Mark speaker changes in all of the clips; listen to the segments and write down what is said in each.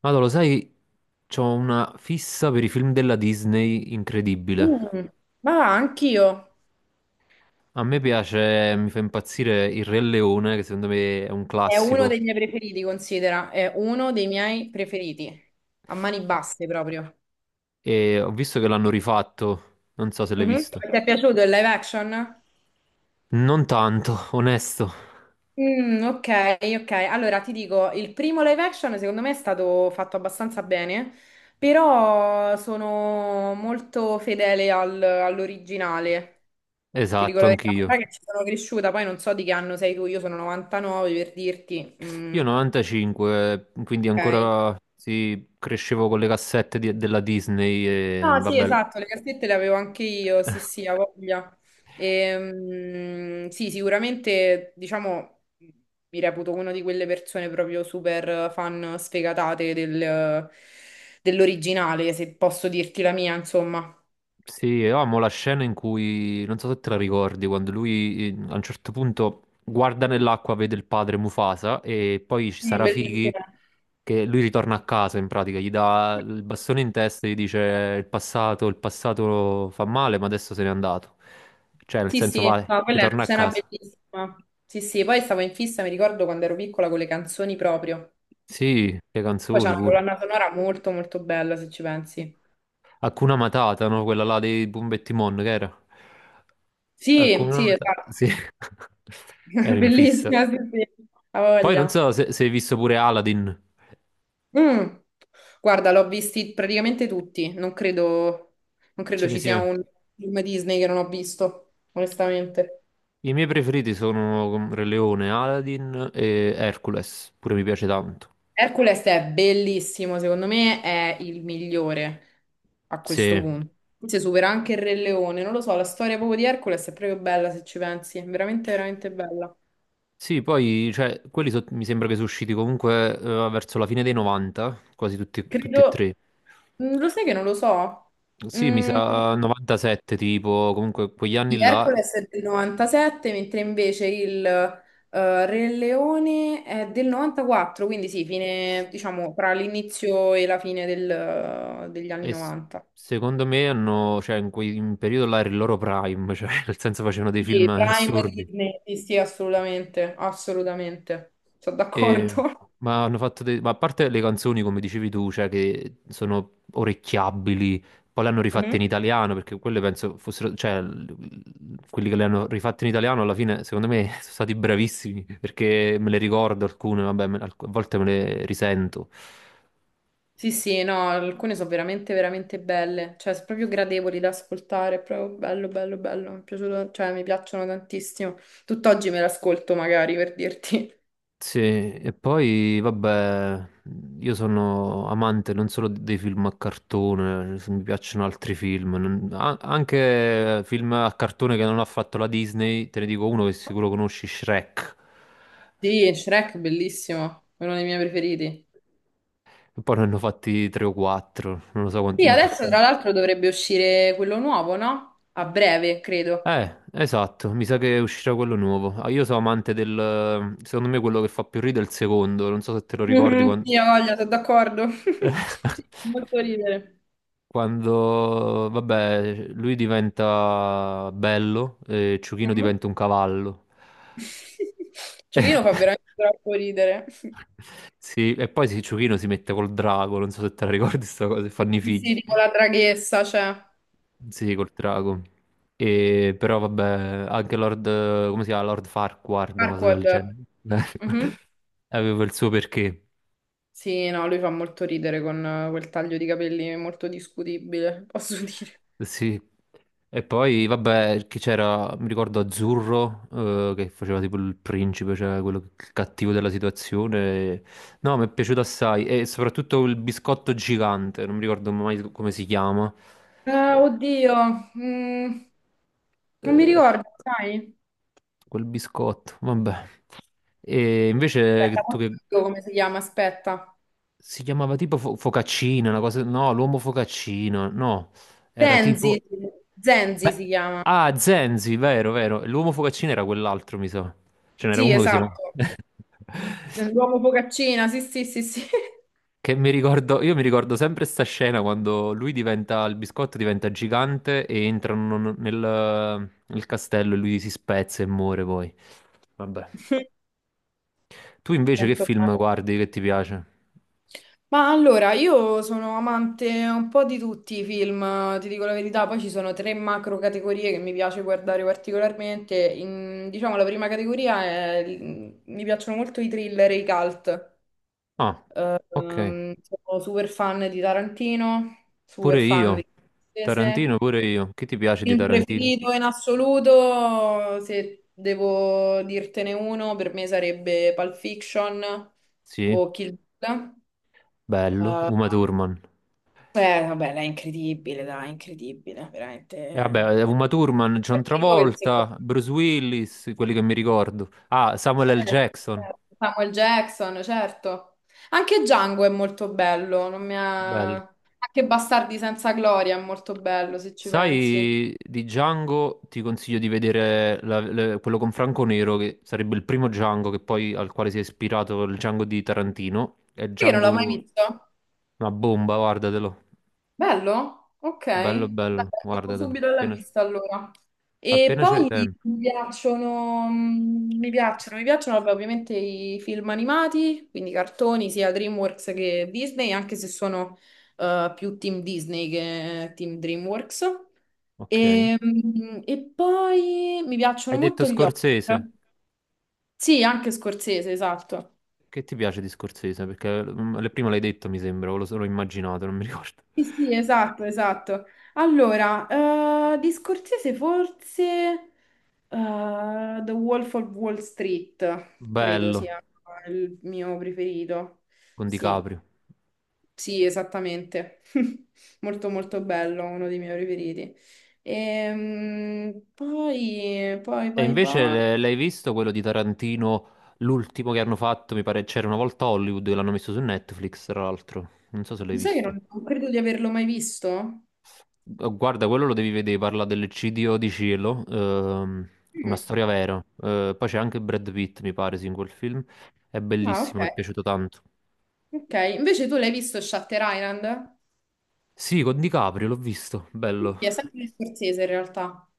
Speaker 1: Allora, lo sai, c'ho una fissa per i film della Disney incredibile.
Speaker 2: Mm, ma va, anch'io.
Speaker 1: A me piace, mi fa impazzire Il Re Leone, che secondo me è un
Speaker 2: È uno
Speaker 1: classico,
Speaker 2: dei miei preferiti, considera. È uno dei miei preferiti. A mani basse proprio.
Speaker 1: e ho visto che l'hanno rifatto, non so se l'hai
Speaker 2: Mhm.
Speaker 1: visto.
Speaker 2: Ti è piaciuto il live action?
Speaker 1: Non tanto, onesto.
Speaker 2: Mm, ok, ok. Allora ti dico, il primo live action secondo me è stato fatto abbastanza bene, però sono molto fedele al- all'originale. Ti dico
Speaker 1: Esatto,
Speaker 2: la verità,
Speaker 1: anch'io.
Speaker 2: sai che ci sono cresciuta, poi non so di che anno sei tu, io sono 99 per dirti.
Speaker 1: Io
Speaker 2: Mm,
Speaker 1: 95, quindi
Speaker 2: ok.
Speaker 1: ancora sì, crescevo con le cassette della Disney e
Speaker 2: No, sì,
Speaker 1: vabbè.
Speaker 2: esatto, le cassette le avevo anche io, sì, sì, a voglia. Sì, sicuramente, diciamo, mi reputo una di quelle persone proprio super fan sfegatate del- dell'originale, se posso dirti la mia, insomma.
Speaker 1: Sì, io amo la scena in cui, non so se te la ricordi, quando lui a un certo punto guarda nell'acqua, vede il padre Mufasa e poi ci
Speaker 2: Sì,
Speaker 1: sarà Fighi
Speaker 2: bellissima.
Speaker 1: che lui ritorna a casa in pratica, gli dà il bastone in testa e gli dice il passato fa male, ma adesso se n'è andato. Cioè, nel
Speaker 2: Sì,
Speaker 1: senso,
Speaker 2: sì,
Speaker 1: vai,
Speaker 2: no, quella è una
Speaker 1: ritorna a
Speaker 2: scena
Speaker 1: casa.
Speaker 2: bellissima. Sì, sì, poi stavo in fissa, mi ricordo quando ero piccola con le canzoni proprio.
Speaker 1: Sì, le
Speaker 2: Poi c'è
Speaker 1: canzoni
Speaker 2: una
Speaker 1: pure.
Speaker 2: colonna sonora molto, molto bella, se ci pensi.
Speaker 1: Hakuna Matata, no? Quella là dei Bumba e Timon, che era?
Speaker 2: Sì,
Speaker 1: Hakuna
Speaker 2: sì,
Speaker 1: Matata,
Speaker 2: esatto.
Speaker 1: sì. Ero in fissa.
Speaker 2: Bellissima, sì, sì, ha
Speaker 1: Poi non so
Speaker 2: voglia.
Speaker 1: se, se hai visto pure Aladdin.
Speaker 2: Mm. Guarda, l'ho visti praticamente tutti, non credo, non
Speaker 1: Ce
Speaker 2: credo
Speaker 1: ne
Speaker 2: ci sia
Speaker 1: sia.
Speaker 2: un film Disney che non ho visto, onestamente.
Speaker 1: I miei preferiti sono Re Leone, Aladdin e Hercules. Pure mi piace tanto.
Speaker 2: Hercules è bellissimo, secondo me è il migliore a questo
Speaker 1: Sì.
Speaker 2: punto. Forse supera anche il Re Leone, non lo so, la storia proprio di Hercules è proprio bella se ci pensi, veramente, veramente bella.
Speaker 1: Sì, poi cioè, mi sembra che sono usciti comunque verso la fine dei 90, quasi tutti, tutti e
Speaker 2: Credo,
Speaker 1: tre.
Speaker 2: mm, lo sai che non lo so?
Speaker 1: Sì, mi
Speaker 2: Mm.
Speaker 1: sa 97 tipo, comunque quegli
Speaker 2: Sì,
Speaker 1: anni là.
Speaker 2: Hercules è del 97, mentre invece il Re Leone è del 94, quindi sì, fine, diciamo, tra l'inizio e la fine del- degli anni
Speaker 1: E s-
Speaker 2: 90.
Speaker 1: secondo me hanno, cioè in quel periodo là era il loro prime, cioè nel senso facevano dei film
Speaker 2: Sì, Prime
Speaker 1: assurdi.
Speaker 2: Disney, sì, sì, assolutamente, assolutamente, sono
Speaker 1: E-
Speaker 2: d'accordo.
Speaker 1: ma hanno fatto ma a parte le canzoni, come dicevi tu, cioè che sono orecchiabili, poi le hanno rifatte
Speaker 2: Mhm.
Speaker 1: in italiano, perché quelle penso fossero, cioè, quelli che le hanno rifatte in italiano alla fine, secondo me, sono stati bravissimi, perché me le ricordo alcune, vabbè, a volte me le risento.
Speaker 2: Sì, sì, no, alcune sono veramente, veramente belle, cioè sono proprio gradevoli da ascoltare, è proprio bello, bello, bello, mi è piaciuto, cioè mi piacciono tantissimo. Tutt'oggi me l'ascolto magari per dirti.
Speaker 1: Sì, e poi vabbè, io sono amante non solo dei film a cartone, se mi piacciono altri film, anche film a cartone che non ha fatto la Disney, te ne dico uno che sicuro conosci, Shrek,
Speaker 2: Sì, Shrek, bellissimo, è uno dei miei preferiti.
Speaker 1: e poi ne hanno fatti tre o quattro, non lo so
Speaker 2: Sì,
Speaker 1: quanti...
Speaker 2: adesso tra l'altro dovrebbe uscire quello nuovo, no? A breve, credo.
Speaker 1: Esatto, mi sa che uscirà quello nuovo. Ah, io sono amante del... secondo me quello che fa più ridere è il secondo, non so se te lo ricordi
Speaker 2: Mhm,
Speaker 1: quando...
Speaker 2: sì, ho voglia, sono d'accordo. Sì, fa molto ridere.
Speaker 1: Quando, vabbè, lui diventa bello e Ciuchino
Speaker 2: Mhm.
Speaker 1: diventa un cavallo.
Speaker 2: Giochino
Speaker 1: E,
Speaker 2: fa veramente troppo ridere. Sì,
Speaker 1: sì, e poi sì, Ciuchino si mette col drago, non so se te la ricordi sta cosa, e fanno i
Speaker 2: sì,
Speaker 1: figli.
Speaker 2: tipo la draghessa, cioè.
Speaker 1: Sì, col drago. E, però vabbè, anche Lord, come si chiama? Lord Farquaad, una cosa del
Speaker 2: Farquaad.
Speaker 1: genere.
Speaker 2: Mhm.
Speaker 1: Aveva il suo perché.
Speaker 2: Sì, no, lui fa molto ridere con quel taglio di capelli molto discutibile, posso dire.
Speaker 1: Sì. E poi, vabbè, che c'era, mi ricordo Azzurro, che faceva tipo il principe, cioè il cattivo della situazione. No, mi è piaciuto assai. E soprattutto il biscotto gigante, non mi ricordo mai come si chiama. Eh,
Speaker 2: Oddio, mm, non mi
Speaker 1: eh,
Speaker 2: ricordo, sai?
Speaker 1: quel biscotto, vabbè. E
Speaker 2: Aspetta,
Speaker 1: invece
Speaker 2: mo
Speaker 1: tu che...
Speaker 2: ti dico come si chiama? Aspetta.
Speaker 1: Si chiamava tipo Focaccino, una cosa... No, l'uomo Focaccino, no. Era
Speaker 2: Zenzi,
Speaker 1: tipo...
Speaker 2: Zenzi si
Speaker 1: Beh,
Speaker 2: chiama.
Speaker 1: ah, Zenzi, vero, vero. L'uomo focaccino era quell'altro, mi sa. Ce n'era
Speaker 2: Sì,
Speaker 1: uno che si chiamava...
Speaker 2: esatto. L'uomo focaccina, sì, sì, sì, sì.
Speaker 1: Che mi ricordo, io mi ricordo sempre sta scena quando lui diventa, il biscotto diventa gigante e entrano nel, nel castello e lui si spezza e muore poi. Vabbè. Tu invece che
Speaker 2: Tanto
Speaker 1: film
Speaker 2: male.
Speaker 1: guardi che ti piace?
Speaker 2: Ma allora, io sono amante un po' di tutti i film, ti dico la verità, poi ci sono tre macro categorie che mi piace guardare particolarmente. In- diciamo, la prima categoria è... mi piacciono molto i thriller e i cult.
Speaker 1: Ah, ok.
Speaker 2: Sono super fan di Tarantino, super
Speaker 1: Pure
Speaker 2: fan
Speaker 1: io.
Speaker 2: di
Speaker 1: Tarantino,
Speaker 2: Scorsese.
Speaker 1: pure io. Che ti piace di
Speaker 2: Film
Speaker 1: Tarantino?
Speaker 2: preferito in assoluto, se devo dirtene uno, per me sarebbe Pulp Fiction
Speaker 1: Sì,
Speaker 2: o Kill Bill.
Speaker 1: bello.
Speaker 2: Eh,
Speaker 1: Uma Thurman.
Speaker 2: beh, vabbè, lei è incredibile, dai, incredibile,
Speaker 1: E
Speaker 2: veramente.
Speaker 1: vabbè,
Speaker 2: Beh,
Speaker 1: Uma Thurman, John
Speaker 2: il primo che il secondo.
Speaker 1: Travolta, Bruce Willis, quelli che mi ricordo. Ah, Samuel L.
Speaker 2: Certo,
Speaker 1: Jackson,
Speaker 2: certo. Samuel Jackson, certo. Anche Django è molto bello, non mi ha-
Speaker 1: bello.
Speaker 2: anche Bastardi senza gloria è molto bello, se ci pensi.
Speaker 1: Sai, di Django ti consiglio di vedere quello con Franco Nero, che sarebbe il primo Django che poi, al quale si è ispirato il Django di Tarantino. È
Speaker 2: Perché non l'ho mai
Speaker 1: Django
Speaker 2: visto?
Speaker 1: una bomba, guardatelo.
Speaker 2: Bello? Ok.
Speaker 1: Bello,
Speaker 2: Dai,
Speaker 1: bello,
Speaker 2: metto
Speaker 1: guardatelo.
Speaker 2: subito alla
Speaker 1: Appena,
Speaker 2: lista allora. E
Speaker 1: appena c'è
Speaker 2: poi
Speaker 1: tempo.
Speaker 2: mi piacciono, mm, mi piacciono vabbè, ovviamente i film animati, quindi cartoni sia DreamWorks che Disney, anche se sono più team Disney che team DreamWorks.
Speaker 1: Ok. Hai
Speaker 2: E, mm, e poi mi piacciono
Speaker 1: detto
Speaker 2: molto gli horror.
Speaker 1: Scorsese?
Speaker 2: Sì, anche Scorsese, esatto.
Speaker 1: Che ti piace di Scorsese? Perché mm, prima l'hai detto, mi sembra, o l'ho immaginato, non mi ricordo.
Speaker 2: Sì, sì, esatto, esatto. Allora, di Scorsese forse... The Wolf of Wall Street, credo
Speaker 1: Bello,
Speaker 2: sia il mio preferito.
Speaker 1: con
Speaker 2: Sì,
Speaker 1: DiCaprio.
Speaker 2: sì, esattamente. Molto molto bello, uno dei miei preferiti. Poi, poi,
Speaker 1: E
Speaker 2: poi,
Speaker 1: invece
Speaker 2: poi...
Speaker 1: l'hai visto quello di Tarantino, l'ultimo che hanno fatto, mi pare, c'era una volta a Hollywood, l'hanno messo su Netflix, tra l'altro. Non so se l'hai
Speaker 2: Sai che
Speaker 1: visto.
Speaker 2: non credo di averlo mai visto?
Speaker 1: Guarda, quello lo devi vedere, parla dell'eccidio di Cielo, una
Speaker 2: Mm.
Speaker 1: storia vera. Poi c'è anche Brad Pitt, mi pare, sì, in quel film. È
Speaker 2: Ah, ok.
Speaker 1: bellissimo, mi è piaciuto tanto.
Speaker 2: Ok, invece tu l'hai visto Shutter Island?
Speaker 1: Sì, con DiCaprio l'ho visto,
Speaker 2: Sì,
Speaker 1: bello.
Speaker 2: è sempre di Scorsese in realtà.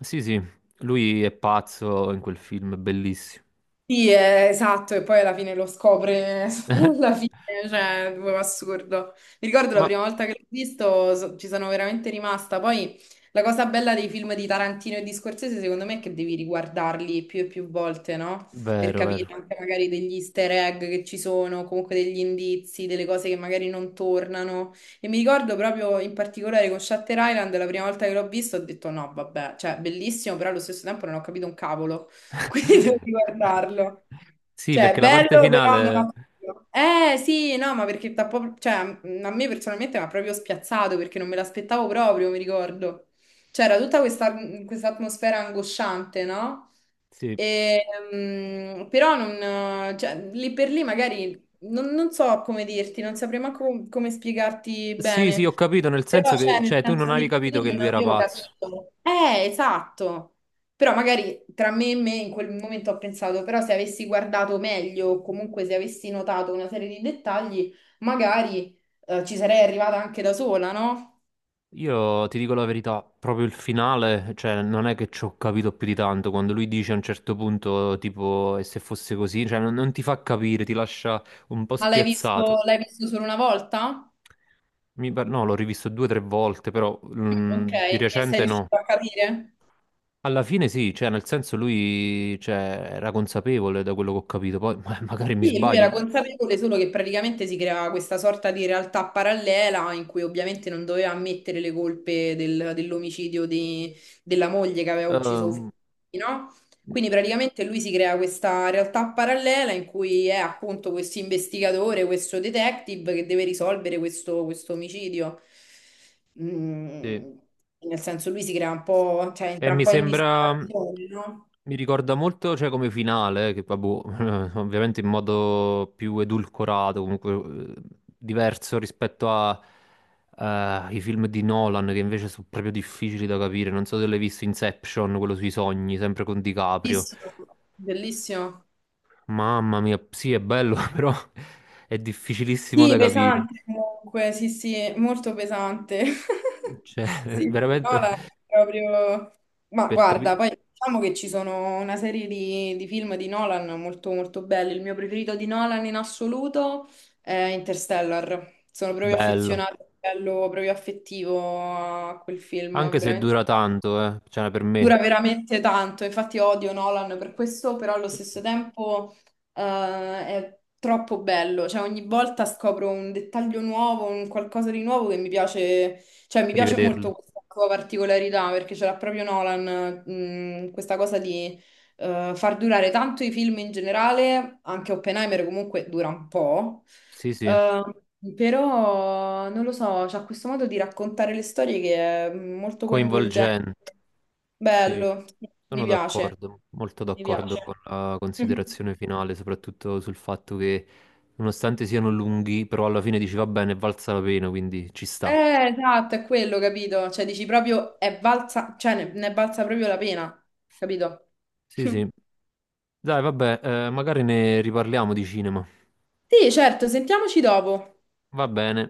Speaker 1: Sì, sì, lui è pazzo in quel film, è bellissimo.
Speaker 2: Sì, esatto, e poi alla fine lo scopre alla fine, cioè, proprio assurdo. Mi ricordo la
Speaker 1: Ma
Speaker 2: prima volta che l'ho visto, so- ci sono veramente rimasta. Poi la cosa bella dei film di Tarantino e di Scorsese, secondo me, è che devi riguardarli più e più volte, no? Per
Speaker 1: vero, vero.
Speaker 2: capire anche magari degli easter egg che ci sono, comunque degli indizi, delle cose che magari non tornano. E mi ricordo proprio in particolare con Shutter Island, la prima volta che l'ho visto, ho detto no, vabbè, cioè, bellissimo, però allo stesso tempo non ho capito un cavolo. Quindi devo guardarlo.
Speaker 1: Sì,
Speaker 2: Cioè,
Speaker 1: perché la parte
Speaker 2: bello, però non
Speaker 1: finale.
Speaker 2: ho capito. Eh sì, no, ma perché t'ha proprio- cioè, a me personalmente mi ha proprio spiazzato perché non me l'aspettavo proprio, mi ricordo. C'era tutta questa atmosfera angosciante, no?
Speaker 1: Sì.
Speaker 2: E, mm, però non, cioè, lì per lì magari non, non so come dirti, non saprei manco come spiegarti
Speaker 1: Sì, sì, ho
Speaker 2: bene.
Speaker 1: capito, nel
Speaker 2: Però,
Speaker 1: senso
Speaker 2: cioè,
Speaker 1: che,
Speaker 2: nel
Speaker 1: cioè, tu non
Speaker 2: senso
Speaker 1: avevi
Speaker 2: lì per
Speaker 1: capito
Speaker 2: lì
Speaker 1: che
Speaker 2: non
Speaker 1: lui era
Speaker 2: avevo
Speaker 1: pazzo.
Speaker 2: capito. Esatto. Però magari tra me e me in quel momento ho pensato, però se avessi guardato meglio, o comunque se avessi notato una serie di dettagli, magari ci sarei arrivata anche da sola, no?
Speaker 1: Io ti dico la verità, proprio il finale, cioè, non è che ci ho capito più di tanto, quando lui dice a un certo punto, tipo, e se fosse così, cioè, non, non ti fa capire, ti lascia un po'
Speaker 2: Ma
Speaker 1: spiazzato.
Speaker 2: l'hai visto solo una volta?
Speaker 1: No, l'ho rivisto due o tre volte, però
Speaker 2: Mm,
Speaker 1: mm,
Speaker 2: ok,
Speaker 1: di
Speaker 2: e sei
Speaker 1: recente no.
Speaker 2: riuscito a capire?
Speaker 1: Alla fine sì, cioè nel senso lui era consapevole da quello che ho capito, poi magari mi
Speaker 2: Sì, lui
Speaker 1: sbaglio.
Speaker 2: era consapevole solo che praticamente si creava questa sorta di realtà parallela in cui ovviamente non doveva ammettere le colpe del- dell'omicidio di- della moglie che aveva ucciso Uffizi,
Speaker 1: Eh,
Speaker 2: no? Quindi praticamente lui si crea questa realtà parallela in cui è appunto questo investigatore, questo detective che deve risolvere questo, questo omicidio.
Speaker 1: sì.
Speaker 2: Mm, nel senso lui si crea un po', cioè
Speaker 1: E
Speaker 2: entra un
Speaker 1: mi
Speaker 2: po' in
Speaker 1: sembra,
Speaker 2: dissociazione, no?
Speaker 1: mi ricorda molto cioè, come finale, che vabbè, ovviamente in modo più edulcorato, comunque diverso rispetto a, ai film di Nolan, che invece sono proprio difficili da capire. Non so se l'hai visto Inception, quello sui sogni, sempre con DiCaprio.
Speaker 2: Bellissimo, bellissimo.
Speaker 1: Mamma mia, sì, è bello, però è difficilissimo
Speaker 2: Sì,
Speaker 1: da capire.
Speaker 2: pesante comunque, sì, sì, molto pesante.
Speaker 1: Cioè,
Speaker 2: Sì, sì, no,
Speaker 1: veramente
Speaker 2: la- proprio... Ma
Speaker 1: per
Speaker 2: guarda,
Speaker 1: capire.
Speaker 2: poi diciamo che ci sono una serie di film di Nolan molto molto belli. Il mio preferito di Nolan in assoluto è Interstellar. Sono proprio
Speaker 1: Bello.
Speaker 2: affezionata a livello proprio affettivo a quel film,
Speaker 1: Anche se
Speaker 2: veramente
Speaker 1: dura
Speaker 2: bello.
Speaker 1: tanto, eh. Cioè, per me,
Speaker 2: Dura veramente tanto, infatti odio Nolan per questo, però allo stesso tempo è troppo bello, cioè ogni volta scopro un dettaglio nuovo, un qualcosa di nuovo che mi piace, cioè mi piace
Speaker 1: rivederlo.
Speaker 2: molto questa sua particolarità perché ce l'ha proprio Nolan, questa cosa di far durare tanto i film in generale, anche Oppenheimer comunque dura un po',
Speaker 1: Sì, sì,
Speaker 2: eh, però non lo so, c'ha questo modo di raccontare le storie che è molto coinvolgente.
Speaker 1: coinvolgente. Sì,
Speaker 2: Bello, mi
Speaker 1: sono
Speaker 2: piace,
Speaker 1: d'accordo, molto
Speaker 2: mi
Speaker 1: d'accordo con
Speaker 2: piace.
Speaker 1: la
Speaker 2: Mhm.
Speaker 1: considerazione finale, soprattutto sul fatto che, nonostante siano lunghi, però alla fine dici va bene, è valsa la pena, quindi ci sta.
Speaker 2: Eh, esatto, è quello, capito? Cioè, dici proprio, è valsa, cioè, ne, ne è valsa proprio la pena, capito?
Speaker 1: Sì, sì. Dai, vabbè, magari ne riparliamo di cinema.
Speaker 2: Sì, certo, sentiamoci dopo.
Speaker 1: Va bene.